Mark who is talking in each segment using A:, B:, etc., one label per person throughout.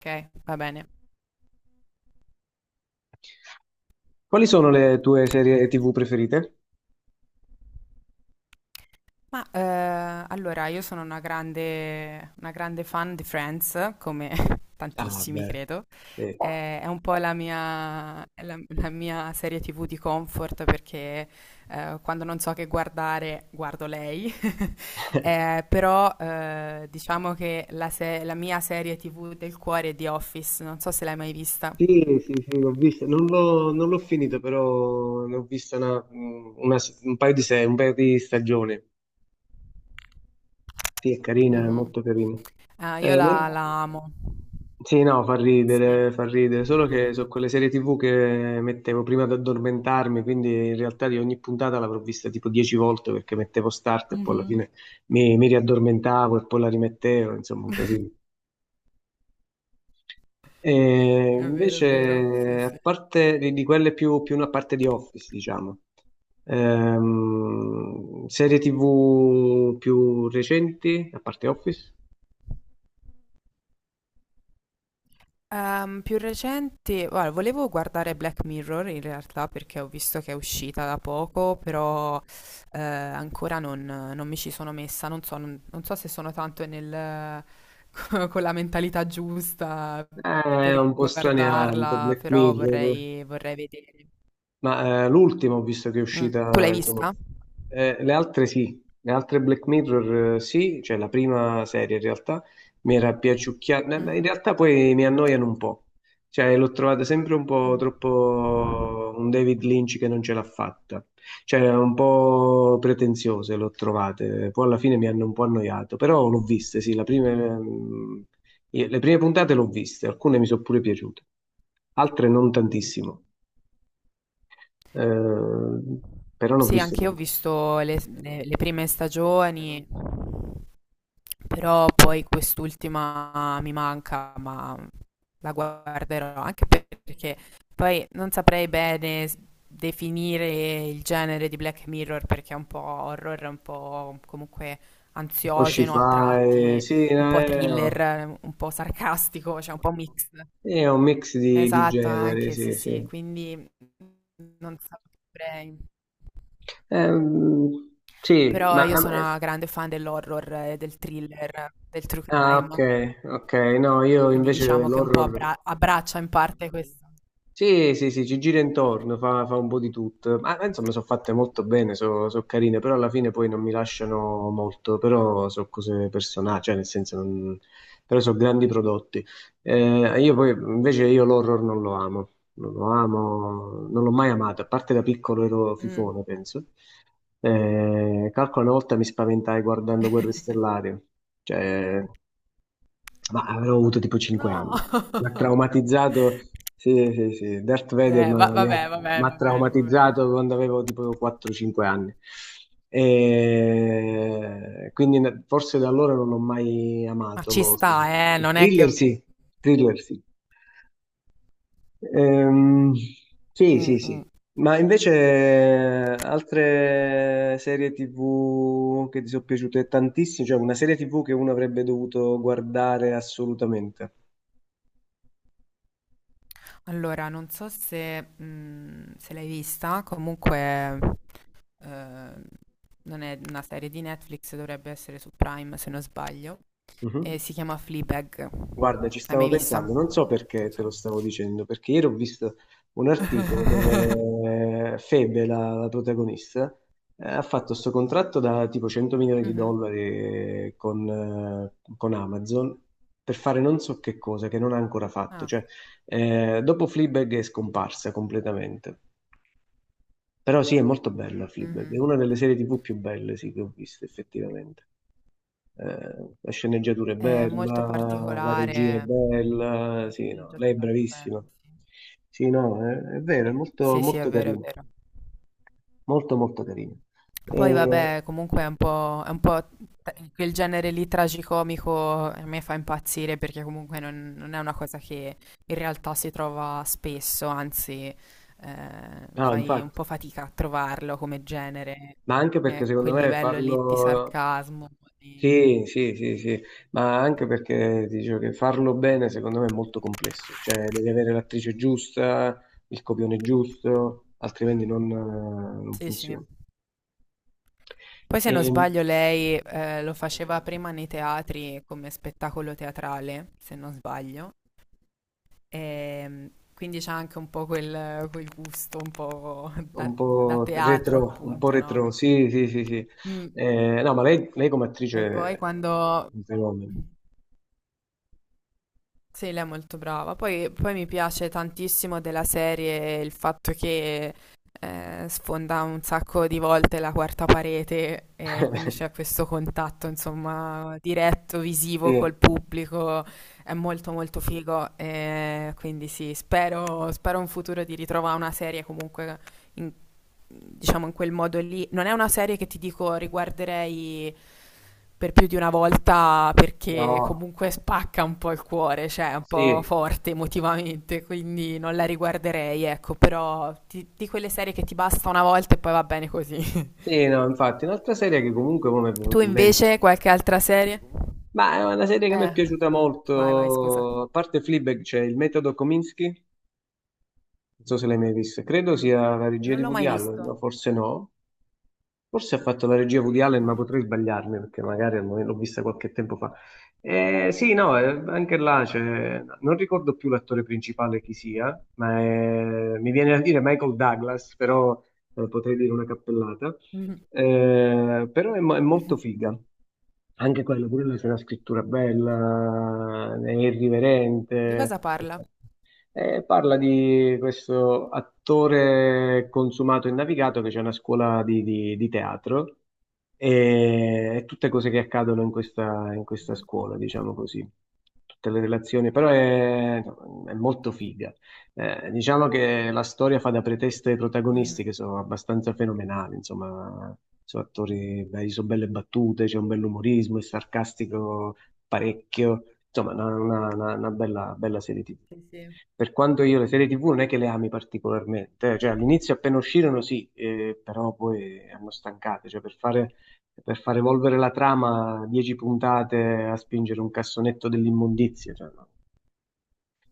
A: Ok, va bene.
B: Quali sono le tue serie TV preferite?
A: Allora io sono una grande fan di Friends, come
B: Ah,
A: tantissimi
B: beh,
A: credo.
B: sì.
A: È un po' la mia, è la, la mia serie TV di comfort perché quando non so che guardare guardo lei. Però diciamo che la, se- la mia serie TV del cuore è The Office, non so se l'hai mai vista.
B: Sì, sì, sì, l'ho vista. Non l'ho finita, però ne ho vista un paio di, se- un paio di stagioni. Sì, è carina, è
A: Mhm.
B: molto carina.
A: Ah, io
B: Eh, men-
A: la amo.
B: Sì, no,
A: Sì.
B: fa ridere, solo che sono quelle serie TV che mettevo prima ad addormentarmi, quindi in realtà di ogni puntata l'avrò vista tipo 10 volte perché mettevo start e poi alla
A: Mhm.
B: fine mi riaddormentavo e poi la rimettevo, insomma, un casino. E
A: È vero, è
B: invece,
A: vero. Sì,
B: a
A: sì.
B: parte di quelle più una parte di Office, diciamo, serie TV più recenti, a parte Office,
A: Più recente, guarda, volevo guardare Black Mirror in realtà perché ho visto che è uscita da poco, però ancora non mi ci sono messa, non so, non so se sono tanto nel, con la mentalità giusta
B: è
A: per
B: un po' straniante,
A: guardarla,
B: Black
A: però
B: Mirror.
A: vorrei, vorrei vedere.
B: Ma l'ultima ho visto che è
A: Mm. Tu l'hai
B: uscita, insomma,
A: vista?
B: le altre sì, le altre Black Mirror sì, cioè la prima serie in realtà mi era piaciucchiata, in
A: Mhm.
B: realtà poi mi annoiano un po', cioè l'ho trovata sempre un po'
A: Mm.
B: troppo un David Lynch che non ce l'ha fatta, cioè un po' pretenziose l'ho trovate, poi alla fine mi hanno un po' annoiato, però l'ho viste, sì, la prima, mm, le prime puntate l'ho viste, alcune mi sono pure piaciute, altre non tantissimo. Eh, Però l'ho
A: Sì,
B: viste
A: anche io ho
B: tutte.
A: visto le prime stagioni, però poi quest'ultima mi manca, ma la guarderò, anche perché poi non saprei bene definire il genere di Black Mirror perché è un po' horror, un po' comunque
B: Poi ci
A: ansiogeno a
B: fa,
A: tratti,
B: sì,
A: un po' thriller, un po' sarcastico, cioè un po' mix.
B: è un mix di
A: Esatto,
B: generi,
A: anche sì,
B: sì, sì.
A: sì, quindi non saprei.
B: Ehm, sì,
A: Però
B: ma,
A: io sono una grande fan dell'horror, del thriller, del true
B: Ah, ok,
A: crime,
B: ok, no, io
A: quindi
B: invece
A: diciamo che un po'
B: l'horror
A: abbraccia in parte questo.
B: sì, sì, sì, ci gira intorno, fa un po' di tutto. Ma insomma, sono fatte molto bene, sono carine, però alla fine poi non mi lasciano molto, però sono cose personali, cioè nel senso, però sono grandi prodotti. Io poi, invece, io l'horror non lo amo, non lo amo, non l'ho mai amato, a parte da piccolo ero
A: Mm.
B: fifone, penso. Calcolo una volta mi spaventai guardando Guerre Stellari, cioè... ma avrò avuto tipo 5
A: No!
B: anni. Mi ha traumatizzato, sì, sì, sì, Darth Vader
A: Va
B: mi ha,
A: vabbè, vabbè,
B: mi ha
A: va bene, va bene.
B: traumatizzato quando avevo tipo 4-5 anni. E quindi forse da allora non ho mai
A: Ma
B: amato
A: ci
B: l'horror.
A: sta, non è che...
B: Thriller sì, thriller sì. Ehm, sì,
A: Mm,
B: sì,
A: mm.
B: sì. Ma invece altre serie TV che ti sono piaciute tantissimo, cioè una serie TV che uno avrebbe dovuto guardare assolutamente.
A: Allora, non so se, mm, se l'hai vista, comunque eh, non è una serie di Netflix, dovrebbe essere su Prime se non sbaglio, e
B: Mhm.
A: si chiama Fleabag.
B: Guarda, ci
A: Hai
B: stavo
A: mai vista?
B: pensando, non so
A: Non
B: perché te
A: so.
B: lo stavo dicendo, perché ieri ho visto un articolo dove Febe, la protagonista, ha fatto questo contratto da tipo 100 milioni di
A: Mhm.
B: dollari con Amazon per fare non so che cosa che non ha ancora fatto.
A: Ah,
B: Cioè, dopo Fleabag è scomparsa completamente. Però sì, è molto bella Fleabag, è
A: mhm.
B: una delle serie TV più belle sì, che ho visto effettivamente. La sceneggiatura è
A: È molto
B: bella, la regia è
A: particolare.
B: bella,
A: Una
B: sì, no, lei è
A: sceneggiatura
B: bravissima.
A: stupenda, sì.
B: Sì, no, è vero, è molto,
A: Sì, sì, è
B: molto
A: vero, è
B: carina,
A: vero.
B: molto, molto carina.
A: Poi
B: E-
A: vabbè, comunque è un po' quel genere lì tragicomico a me fa impazzire perché comunque non è una cosa che in realtà si trova spesso, anzi
B: no,
A: fai un
B: infatti,
A: po' fatica a trovarlo come genere,
B: ma anche perché
A: quel livello lì di sarcasmo. di-
B: sì, sì, sì, sì, ma anche perché dicevo che farlo bene secondo me è molto complesso, cioè devi avere l'attrice giusta, il copione giusto, altrimenti non
A: Sì, sì.
B: funziona.
A: Poi se non
B: E-
A: sbaglio lei lo faceva prima nei teatri come spettacolo teatrale, se non sbaglio. Quindi c'è anche un po' quel gusto un po' da, da teatro,
B: Un po'
A: appunto, no?
B: retro, sì, sì, sì, sì.
A: Mm.
B: No, ma lei come
A: E
B: attrice
A: poi
B: è
A: quando...
B: un fenomeno.
A: Sì, lei è molto brava. Poi mi piace tantissimo della serie il fatto che sfonda un sacco di volte la quarta parete e quindi c'è questo contatto, insomma, diretto, visivo
B: Sì,
A: col pubblico. È molto molto figo. Quindi sì, spero, spero in futuro di ritrovare una serie comunque in, diciamo in quel modo lì. Non è una serie che ti dico riguarderei per più di una volta perché
B: no,
A: comunque spacca un po' il cuore, cioè è un po'
B: sì,
A: forte emotivamente, quindi non la riguarderei, ecco, però di quelle serie che ti basta una volta e poi va bene così.
B: sì, no, infatti, un'altra serie che comunque mo mi è
A: Tu
B: venuta in mente,
A: invece qualche altra serie?
B: ma è una serie che mi è
A: Eh,
B: piaciuta
A: vai, vai, scusa.
B: molto, a parte Fleabag c'è il metodo Kominsky, non so se l'hai mai vista, credo sia la regia
A: Non
B: di
A: l'ho
B: Woody
A: mai
B: Allen,
A: visto.
B: ma forse no. Forse ha fatto la regia Woody Allen, ma
A: Mm.
B: potrei sbagliarmi perché magari l'ho vista qualche tempo fa. Sì, no, anche là non ricordo più l'attore principale chi sia, ma mi viene da dire Michael Douglas, però potrei dire una cappellata.
A: Mhm.
B: Però è molto
A: Mhm.
B: figa. Anche quello, pure lui c'è una scrittura bella, è
A: Di
B: irriverente.
A: cosa parla?
B: E parla di questo attore consumato e navigato che c'è una scuola di teatro e tutte cose che accadono in questa scuola, diciamo così. Tutte le relazioni, però è molto figa. Diciamo che la storia fa da pretesto ai protagonisti
A: Mhm.
B: che sono abbastanza fenomenali, insomma, sono attori, beh, sono belle battute, c'è un bell'umorismo, è sarcastico parecchio, insomma, una bella, bella serie TV.
A: Sì, sì.
B: Per quanto io le serie TV non è che le ami particolarmente, cioè all'inizio appena uscirono sì, però poi hanno stancate, cioè per far evolvere la trama, 10 puntate a spingere un cassonetto dell'immondizia, cioè, no,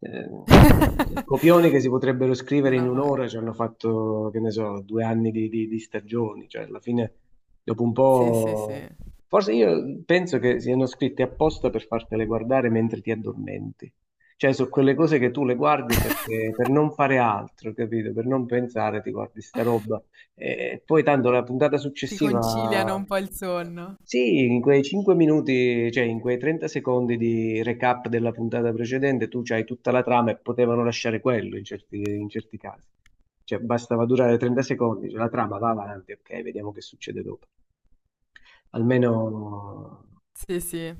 B: eh, copioni che si potrebbero scrivere in
A: No, no,
B: un'ora ci hanno fatto, che ne so, 2 anni di stagioni, cioè alla fine dopo un
A: sì, sì, sì.
B: po'. Forse io penso che siano scritti apposta per fartele guardare mentre ti addormenti. Cioè, sono quelle cose che tu le guardi perché, per non fare altro, capito? Per non pensare, ti guardi sta roba. E poi tanto la puntata
A: Ti conciliano
B: successiva
A: un po' il sonno.
B: sì, in quei 5 minuti, cioè in quei 30 secondi di recap della puntata precedente, tu c'hai tutta la trama e potevano lasciare quello in certi casi. Cioè, bastava durare 30 secondi, cioè, la trama va avanti, ok, vediamo che succede dopo. Almeno,
A: Sì, sì.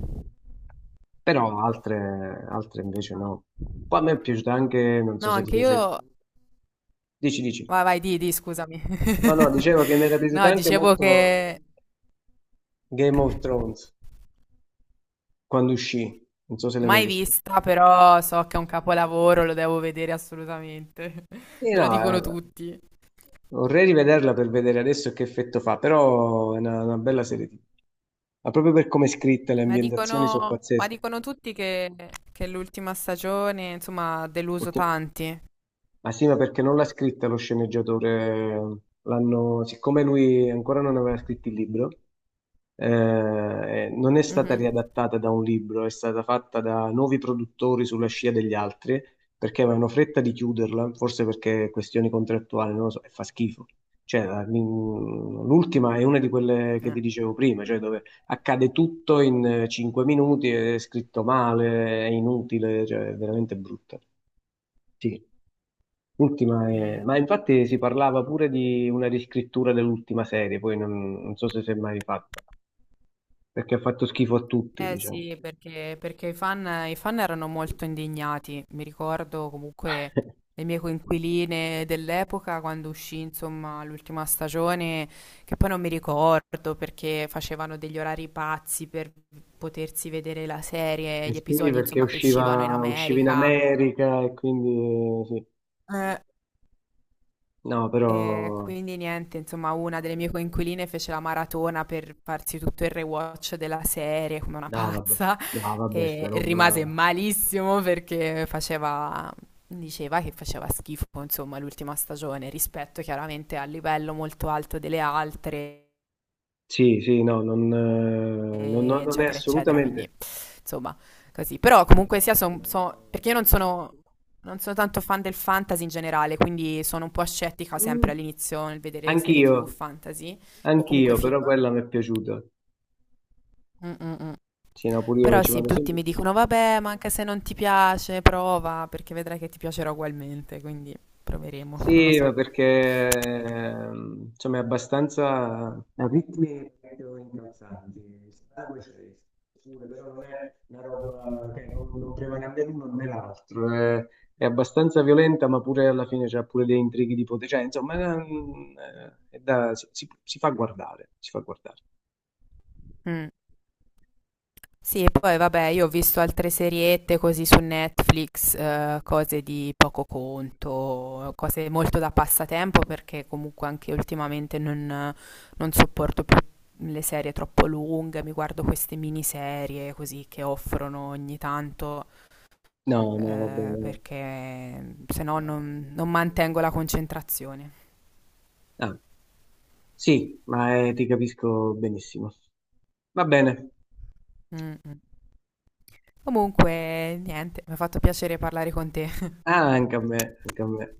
B: però altre invece no. Poi a me è piaciuta anche, non so
A: No,
B: se ti
A: anche
B: piace,
A: io.
B: dici, dici.
A: Vai, vai, scusami.
B: No, no, dicevo che mi era piaciuta
A: No,
B: anche
A: dicevo
B: molto
A: che
B: Game of Thrones quando uscì, non so se l'hai mai
A: mai
B: visto.
A: vista, però so che è un capolavoro, lo devo vedere assolutamente.
B: Sì,
A: Me lo
B: no,
A: dicono
B: eh,
A: tutti.
B: vorrei rivederla per vedere adesso che effetto fa, però è una bella serie TV. Ma proprio per come è scritta, le
A: Ma
B: ambientazioni sono
A: dicono, ma
B: pazzesche.
A: dicono tutti che l'ultima stagione, insomma, ha deluso
B: Perché-
A: tanti.
B: ma sì, ma perché non l'ha scritta lo sceneggiatore? L'hanno, siccome lui ancora non aveva scritto il libro, non è stata
A: Mhm.
B: riadattata da un libro, è stata fatta da nuovi produttori sulla scia degli altri perché avevano fretta di chiuderla, forse perché questioni contrattuali, non lo so, e fa schifo. Cioè, l'ultima è una di quelle che
A: Eh,
B: ti dicevo prima, cioè dove accade tutto in 5 minuti, è scritto male, è inutile, cioè è veramente brutta. Sì,
A: mm.
B: ma infatti si parlava pure di una riscrittura dell'ultima serie, poi non so se si è mai fatta perché ha fatto schifo a tutti,
A: Eh
B: diciamo.
A: sì, perché, perché i fan erano molto indignati. Mi ricordo comunque le mie coinquiline dell'epoca quando uscì, insomma, l'ultima stagione, che poi non mi ricordo perché facevano degli orari pazzi per potersi vedere la serie,
B: E
A: gli
B: sì,
A: episodi,
B: perché
A: insomma, che uscivano in
B: usciva in
A: America.
B: America e quindi sì. No,
A: E
B: però
A: quindi niente, insomma, una delle mie coinquiline fece la maratona per farsi tutto il rewatch della serie come una
B: no, vabbè,
A: pazza
B: no, vabbè, sta
A: e rimase
B: roba.
A: malissimo perché faceva, diceva che faceva schifo, insomma, l'ultima stagione rispetto chiaramente al livello molto alto delle altre,
B: Sì, sì, no, non è
A: eccetera, eccetera. Quindi
B: assolutamente.
A: insomma, così. Però comunque sia, perché io non sono, non sono tanto fan del fantasy in generale, quindi sono un po' scettica
B: Mm,
A: sempre all'inizio nel vedere serie
B: Anch'io,
A: TV fantasy o comunque
B: anch'io,
A: film.
B: però quella mi è piaciuta.
A: Mm, mm, mm.
B: Sì, no, pure io
A: Però
B: ci
A: sì,
B: vado
A: tutti
B: sempre.
A: mi dicono, vabbè, ma anche se non ti piace, prova, perché vedrai che ti piacerà ugualmente, quindi proveremo, non lo
B: Sì, ma
A: so.
B: perché insomma è abbastanza a ritmi proprio incalzanti. Sangue c'è, pure, però non è una roba che non prevale né l'uno né l'altro. È abbastanza violenta, ma pure alla fine c'ha pure dei intrighi di potere. Cioè, insomma, si fa guardare, si fa guardare.
A: Mm. Sì, e poi vabbè, io ho visto altre seriette così su Netflix, cose di poco conto, cose molto da passatempo perché comunque anche ultimamente non sopporto più le serie troppo lunghe, mi guardo queste miniserie così che offrono ogni tanto,
B: No, no, va bene.
A: perché se no non mantengo la concentrazione.
B: Ah, sì, ma ti capisco benissimo. Va bene.
A: Mm, mm. Comunque, niente, mi ha fatto piacere parlare con te.
B: Ah, anche a me, anche a me.